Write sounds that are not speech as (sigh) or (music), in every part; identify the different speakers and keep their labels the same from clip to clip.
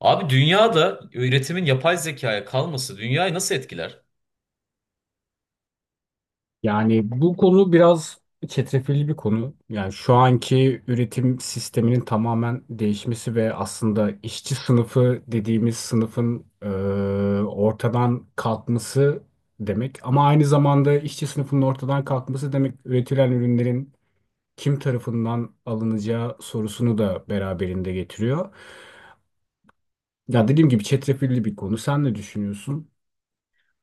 Speaker 1: Abi, dünyada üretimin yapay zekaya kalması dünyayı nasıl etkiler?
Speaker 2: Yani bu konu biraz çetrefilli bir konu. Yani şu anki üretim sisteminin tamamen değişmesi ve aslında işçi sınıfı dediğimiz sınıfın ortadan kalkması demek. Ama aynı zamanda işçi sınıfının ortadan kalkması demek üretilen ürünlerin kim tarafından alınacağı sorusunu da beraberinde getiriyor. Ya dediğim gibi çetrefilli bir konu. Sen ne düşünüyorsun?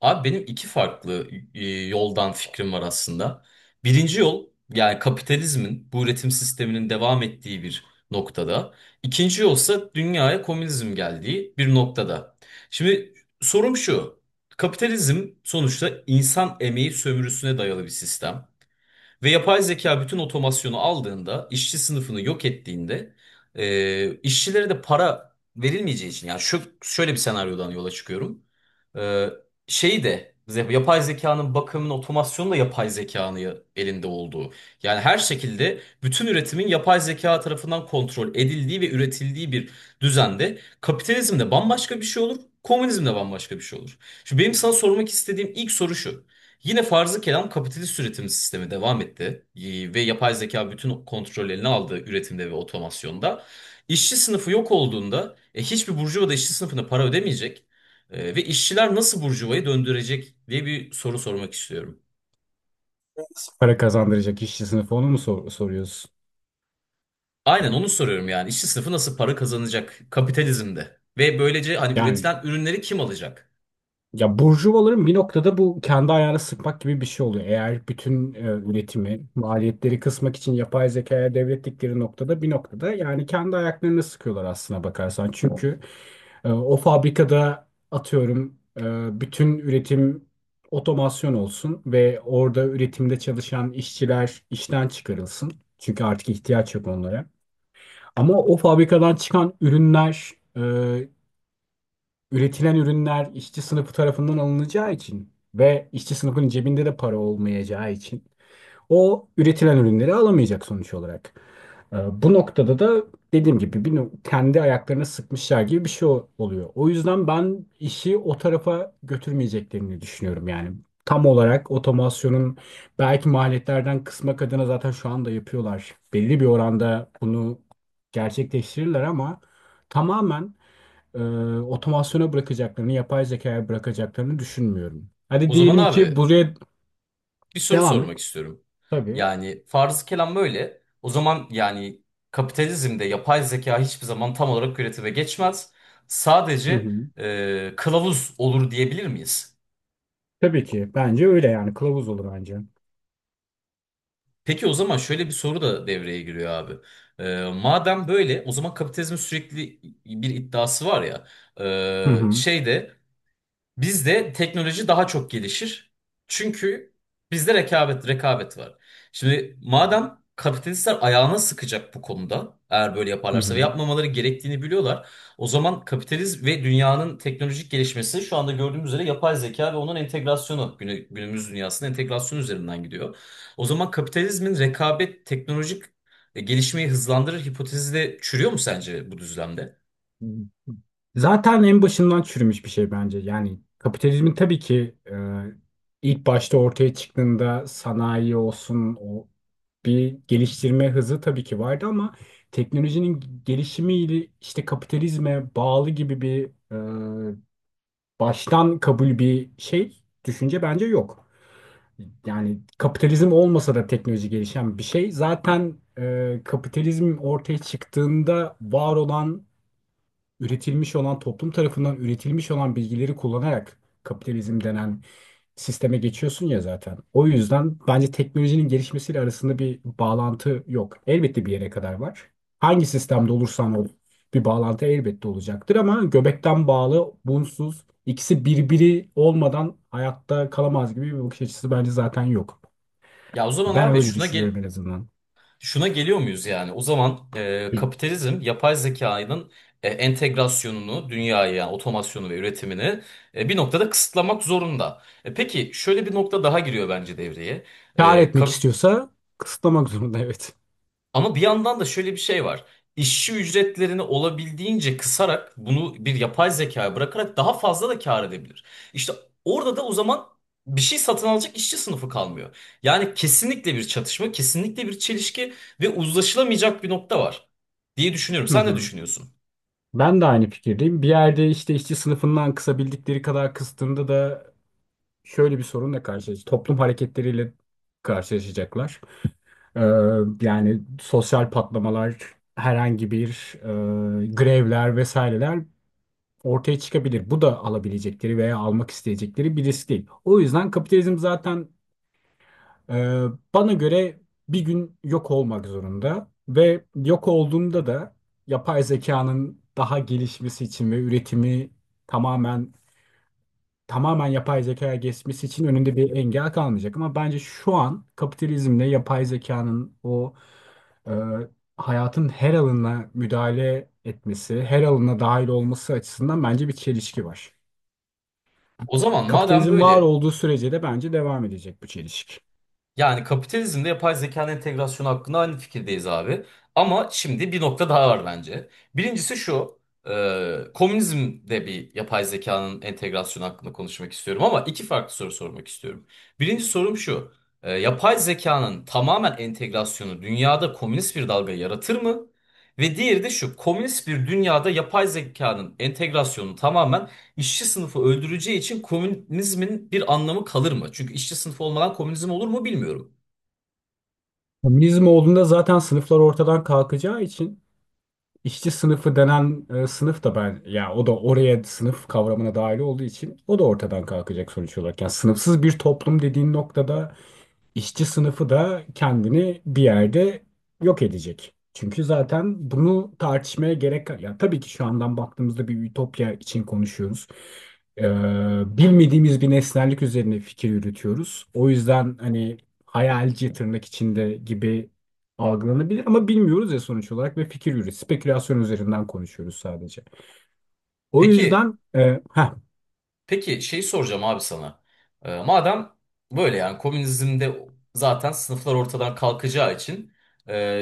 Speaker 1: Abi, benim iki farklı yoldan fikrim var aslında. Birinci yol, yani kapitalizmin bu üretim sisteminin devam ettiği bir noktada. İkinci yolsa dünyaya komünizm geldiği bir noktada. Şimdi sorum şu. Kapitalizm sonuçta insan emeği sömürüsüne dayalı bir sistem. Ve yapay zeka bütün otomasyonu aldığında, işçi sınıfını yok ettiğinde, işçilere de para verilmeyeceği için, yani şu şöyle bir senaryodan yola çıkıyorum. E, şeyi de yapay zekanın bakımının otomasyonu da yapay zekanın elinde olduğu. Yani her şekilde bütün üretimin yapay zeka tarafından kontrol edildiği ve üretildiği bir düzende kapitalizmde bambaşka bir şey olur, komünizmde bambaşka bir şey olur. Şimdi benim sana sormak istediğim ilk soru şu. Yine farzı kelam kapitalist üretim sistemi devam etti, ve yapay zeka bütün kontrol eline aldı üretimde ve otomasyonda. İşçi sınıfı yok olduğunda hiçbir burjuva da işçi sınıfına para ödemeyecek. Ve işçiler nasıl burjuvayı döndürecek diye bir soru sormak istiyorum.
Speaker 2: Para kazandıracak işçi sınıfı onu mu soruyorsun?
Speaker 1: Aynen onu soruyorum, yani işçi sınıfı nasıl para kazanacak kapitalizmde ve böylece hani
Speaker 2: Yani
Speaker 1: üretilen ürünleri kim alacak?
Speaker 2: ya burjuvaların bir noktada bu kendi ayağına sıkmak gibi bir şey oluyor. Eğer bütün üretimi, maliyetleri kısmak için yapay zekaya devrettikleri noktada bir noktada yani kendi ayaklarını sıkıyorlar aslına bakarsan. Çünkü o fabrikada atıyorum, bütün üretim otomasyon olsun ve orada üretimde çalışan işçiler işten çıkarılsın. Çünkü artık ihtiyaç yok onlara. Ama o fabrikadan çıkan ürünler, e, üretilen ürünler işçi sınıfı tarafından alınacağı için ve işçi sınıfının cebinde de para olmayacağı için o üretilen ürünleri alamayacak sonuç olarak. Bu noktada da dediğim gibi bir kendi ayaklarına sıkmışlar gibi bir şey oluyor. O yüzden ben işi o tarafa götürmeyeceklerini düşünüyorum yani. Tam olarak otomasyonun belki maliyetlerden kısmak adına zaten şu anda yapıyorlar. Belli bir oranda bunu gerçekleştirirler ama tamamen e, otomasyona bırakacaklarını, yapay zekaya bırakacaklarını düşünmüyorum. Hadi
Speaker 1: O zaman
Speaker 2: diyelim ki
Speaker 1: abi,
Speaker 2: buraya
Speaker 1: bir soru
Speaker 2: devam et.
Speaker 1: sormak istiyorum.
Speaker 2: Tabii.
Speaker 1: Yani farz kelam böyle. O zaman yani kapitalizmde yapay zeka hiçbir zaman tam olarak üretime geçmez.
Speaker 2: Hı
Speaker 1: Sadece
Speaker 2: hı.
Speaker 1: kılavuz olur diyebilir miyiz?
Speaker 2: Tabii ki. Bence öyle yani. Kılavuz olur bence.
Speaker 1: Peki, o zaman şöyle bir soru da devreye giriyor abi. Madem böyle, o zaman kapitalizmin sürekli bir iddiası var ya.
Speaker 2: Hı hı.
Speaker 1: Şeyde bizde teknoloji daha çok gelişir. Çünkü bizde rekabet var. Şimdi madem kapitalistler ayağına sıkacak bu konuda eğer böyle
Speaker 2: Hı
Speaker 1: yaparlarsa ve
Speaker 2: hı.
Speaker 1: yapmamaları gerektiğini biliyorlar. O zaman kapitalizm ve dünyanın teknolojik gelişmesi şu anda gördüğümüz üzere yapay zeka ve onun entegrasyonu günümüz dünyasının entegrasyonu üzerinden gidiyor. O zaman kapitalizmin rekabet teknolojik gelişmeyi hızlandırır hipotezi de çürüyor mu sence bu düzlemde?
Speaker 2: Zaten en başından çürümüş bir şey bence. Yani kapitalizmin tabii ki, ilk başta ortaya çıktığında sanayi olsun o bir geliştirme hızı tabii ki vardı ama teknolojinin gelişimiyle işte kapitalizme bağlı gibi bir baştan kabul bir şey, düşünce bence yok. Yani kapitalizm olmasa da teknoloji gelişen bir şey. Zaten kapitalizm ortaya çıktığında var olan, üretilmiş olan, toplum tarafından üretilmiş olan bilgileri kullanarak kapitalizm denen sisteme geçiyorsun ya zaten. O yüzden bence teknolojinin gelişmesiyle arasında bir bağlantı yok. Elbette bir yere kadar var. Hangi sistemde olursan ol bir bağlantı elbette olacaktır ama göbekten bağlı, bunsuz, ikisi birbiri olmadan hayatta kalamaz gibi bir bakış açısı bence zaten yok.
Speaker 1: Ya o zaman
Speaker 2: Ben
Speaker 1: abi,
Speaker 2: öyle
Speaker 1: şuna
Speaker 2: düşünüyorum
Speaker 1: gel,
Speaker 2: en azından.
Speaker 1: şuna geliyor muyuz yani? O zaman kapitalizm yapay zekanın entegrasyonunu, dünyaya yani otomasyonu ve üretimini bir noktada kısıtlamak zorunda. Peki şöyle bir nokta daha giriyor bence devreye.
Speaker 2: Kâr
Speaker 1: E,
Speaker 2: etmek
Speaker 1: kap-
Speaker 2: istiyorsa kısıtlamak zorunda, evet.
Speaker 1: ama bir yandan da şöyle bir şey var. İşçi ücretlerini olabildiğince kısarak bunu bir yapay zekaya bırakarak daha fazla da kâr edebilir. İşte orada da o zaman bir şey satın alacak işçi sınıfı kalmıyor. Yani kesinlikle bir çatışma, kesinlikle bir çelişki ve uzlaşılamayacak bir nokta var diye düşünüyorum.
Speaker 2: Hı
Speaker 1: Sen ne
Speaker 2: hı.
Speaker 1: düşünüyorsun?
Speaker 2: Ben de aynı fikirdeyim. Bir yerde işte işçi sınıfından kısabildikleri kadar kıstığında da şöyle bir sorunla karşılaşacak. Toplum hareketleriyle karşılaşacaklar. Ee, yani sosyal patlamalar, herhangi bir grevler vesaireler ortaya çıkabilir. Bu da alabilecekleri veya almak isteyecekleri bir risk değil. O yüzden kapitalizm zaten, ee, bana göre, bir gün yok olmak zorunda ve yok olduğunda da yapay zekanın daha gelişmesi için ve üretimi tamamen yapay zekaya geçmesi için önünde bir engel kalmayacak. Ama bence şu an kapitalizmle yapay zekanın o, e, hayatın her alanına müdahale etmesi, her alanına dahil olması açısından bence bir çelişki var.
Speaker 1: O zaman madem
Speaker 2: Kapitalizm var
Speaker 1: böyle,
Speaker 2: olduğu sürece de bence devam edecek bu çelişki.
Speaker 1: yani kapitalizmde yapay zekanın entegrasyonu hakkında aynı fikirdeyiz abi. Ama şimdi bir nokta daha var bence. Birincisi şu, komünizmde bir yapay zekanın entegrasyonu hakkında konuşmak istiyorum ama iki farklı soru sormak istiyorum. Birinci sorum şu, yapay zekanın tamamen entegrasyonu dünyada komünist bir dalga yaratır mı? Ve diğeri de şu, komünist bir dünyada yapay zekanın entegrasyonu tamamen İşçi sınıfı öldüreceği için komünizmin bir anlamı kalır mı? Çünkü işçi sınıfı olmadan komünizm olur mu bilmiyorum.
Speaker 2: Komünizm olduğunda zaten sınıflar ortadan kalkacağı için işçi sınıfı denen sınıf da, ben ya o da oraya, sınıf kavramına dahil olduğu için o da ortadan kalkacak sonuç olarak. Yani sınıfsız bir toplum dediğin noktada İşçi sınıfı da kendini bir yerde yok edecek. Çünkü zaten bunu tartışmaya gerek yok. Ya tabii ki şu andan baktığımızda bir ütopya için konuşuyoruz. Ee, bilmediğimiz bir nesnellik üzerine fikir yürütüyoruz. O yüzden hani hayalci tırnak içinde gibi algılanabilir ama bilmiyoruz ya sonuç olarak ve fikir yürütüyoruz. Spekülasyon üzerinden konuşuyoruz sadece. O
Speaker 1: Peki,
Speaker 2: yüzden heh,
Speaker 1: peki şeyi soracağım abi sana. Madem böyle, yani komünizmde zaten sınıflar ortadan kalkacağı için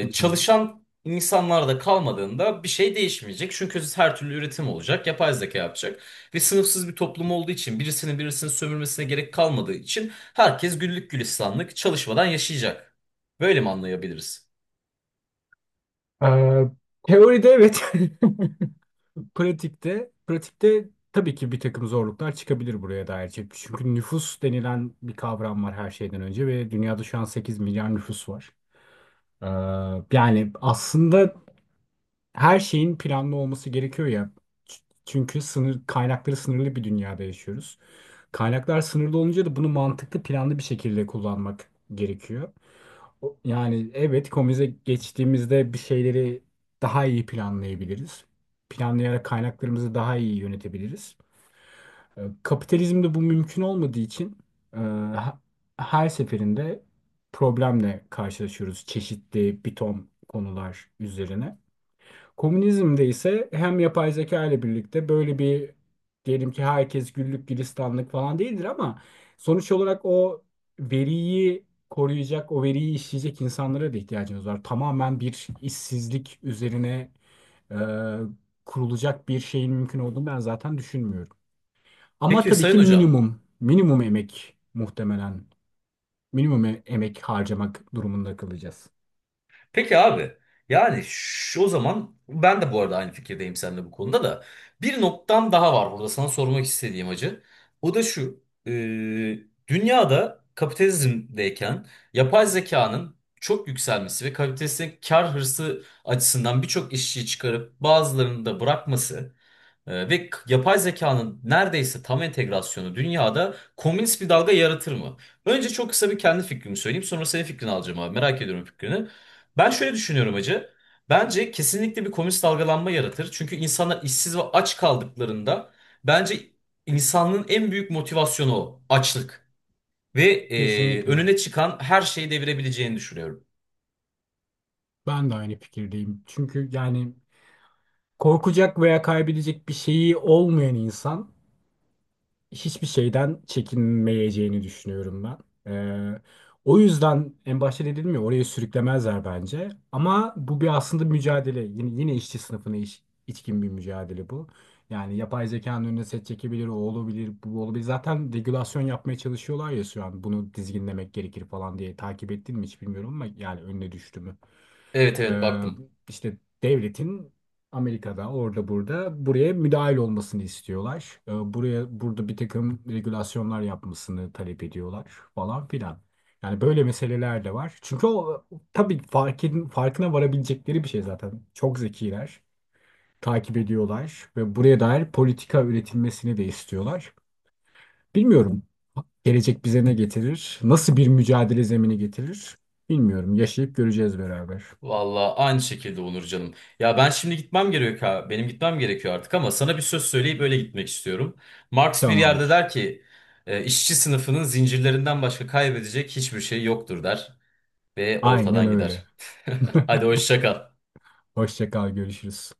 Speaker 2: Hı
Speaker 1: çalışan insanlar da kalmadığında bir şey değişmeyecek. Çünkü her türlü üretim olacak, yapay zeka yapacak. Ve sınıfsız bir toplum olduğu için birisinin sömürmesine gerek kalmadığı için herkes güllük gülistanlık çalışmadan yaşayacak. Böyle mi anlayabiliriz?
Speaker 2: hı. Teoride evet. (laughs) Pratikte tabii ki bir takım zorluklar çıkabilir buraya dair. Çünkü nüfus denilen bir kavram var her şeyden önce ve dünyada şu an 8 milyar nüfus var. Ee, yani aslında her şeyin planlı olması gerekiyor ya. Çünkü sınır kaynakları sınırlı bir dünyada yaşıyoruz. Kaynaklar sınırlı olunca da bunu mantıklı, planlı bir şekilde kullanmak gerekiyor. Yani evet, komize geçtiğimizde bir şeyleri daha iyi planlayabiliriz. Planlayarak kaynaklarımızı daha iyi yönetebiliriz. Kapitalizmde bu mümkün olmadığı için, e, ha- her seferinde problemle karşılaşıyoruz çeşitli bir ton konular üzerine. Komünizmde ise hem yapay zeka ile birlikte böyle bir, diyelim ki herkes güllük gülistanlık falan değildir ama sonuç olarak o veriyi koruyacak, o veriyi işleyecek insanlara da ihtiyacımız var. Tamamen bir işsizlik üzerine e, kurulacak bir şeyin mümkün olduğunu ben zaten düşünmüyorum. Ama
Speaker 1: Peki
Speaker 2: tabii
Speaker 1: Sayın
Speaker 2: ki
Speaker 1: Hocam.
Speaker 2: minimum, emek muhtemelen, minimum emek harcamak durumunda kalacağız.
Speaker 1: Peki abi. Yani şu, o zaman ben de bu arada aynı fikirdeyim seninle bu konuda da. Bir noktam daha var burada sana sormak istediğim hacı. O da şu. Dünyada kapitalizmdeyken yapay zekanın çok yükselmesi ve kapitalistin kar hırsı açısından birçok işçiyi çıkarıp bazılarını da bırakması. Yapay zekanın neredeyse tam entegrasyonu dünyada komünist bir dalga yaratır mı? Önce çok kısa bir kendi fikrimi söyleyeyim, sonra senin fikrini alacağım abi. Merak ediyorum fikrini. Ben şöyle düşünüyorum hacı. Bence kesinlikle bir komünist dalgalanma yaratır. Çünkü insanlar işsiz ve aç kaldıklarında, bence insanlığın en büyük motivasyonu o, açlık. Ve
Speaker 2: Kesinlikle.
Speaker 1: önüne çıkan her şeyi devirebileceğini düşünüyorum.
Speaker 2: Ben de aynı fikirdeyim. Çünkü yani korkacak veya kaybedecek bir şeyi olmayan insan hiçbir şeyden çekinmeyeceğini düşünüyorum ben. Ee, o yüzden en başta dedim ya, oraya sürüklemezler bence. Ama bu bir aslında mücadele. Yine işçi sınıfına iş, içkin bir mücadele bu. Yani yapay zekanın önüne set çekebilir, o olabilir, bu olabilir. Zaten regülasyon yapmaya çalışıyorlar ya şu an. Bunu dizginlemek gerekir falan diye takip ettin mi hiç bilmiyorum ama yani önüne düştü mü?
Speaker 1: Evet, evet,
Speaker 2: Ee,
Speaker 1: baktım.
Speaker 2: işte devletin Amerika'da orada burada buraya müdahil olmasını istiyorlar. Buraya bir takım regülasyonlar yapmasını talep ediyorlar falan filan. Yani böyle meseleler de var. Çünkü o tabii farkına varabilecekleri bir şey zaten. Çok zekiler, takip ediyorlar ve buraya dair politika üretilmesini de istiyorlar. Bilmiyorum. Gelecek bize ne getirir? Nasıl bir mücadele zemini getirir? Bilmiyorum. Yaşayıp göreceğiz beraber.
Speaker 1: Vallahi aynı şekilde Onur canım. Ya ben şimdi gitmem gerekiyor ha. Benim gitmem gerekiyor artık, ama sana bir söz söyleyip öyle gitmek istiyorum. Marx bir yerde
Speaker 2: Tamamdır.
Speaker 1: der ki: işçi sınıfının zincirlerinden başka kaybedecek hiçbir şey yoktur," der ve
Speaker 2: Aynen
Speaker 1: ortadan
Speaker 2: öyle.
Speaker 1: gider. (laughs)
Speaker 2: (laughs)
Speaker 1: Hadi hoşça kal.
Speaker 2: Hoşça kal, görüşürüz.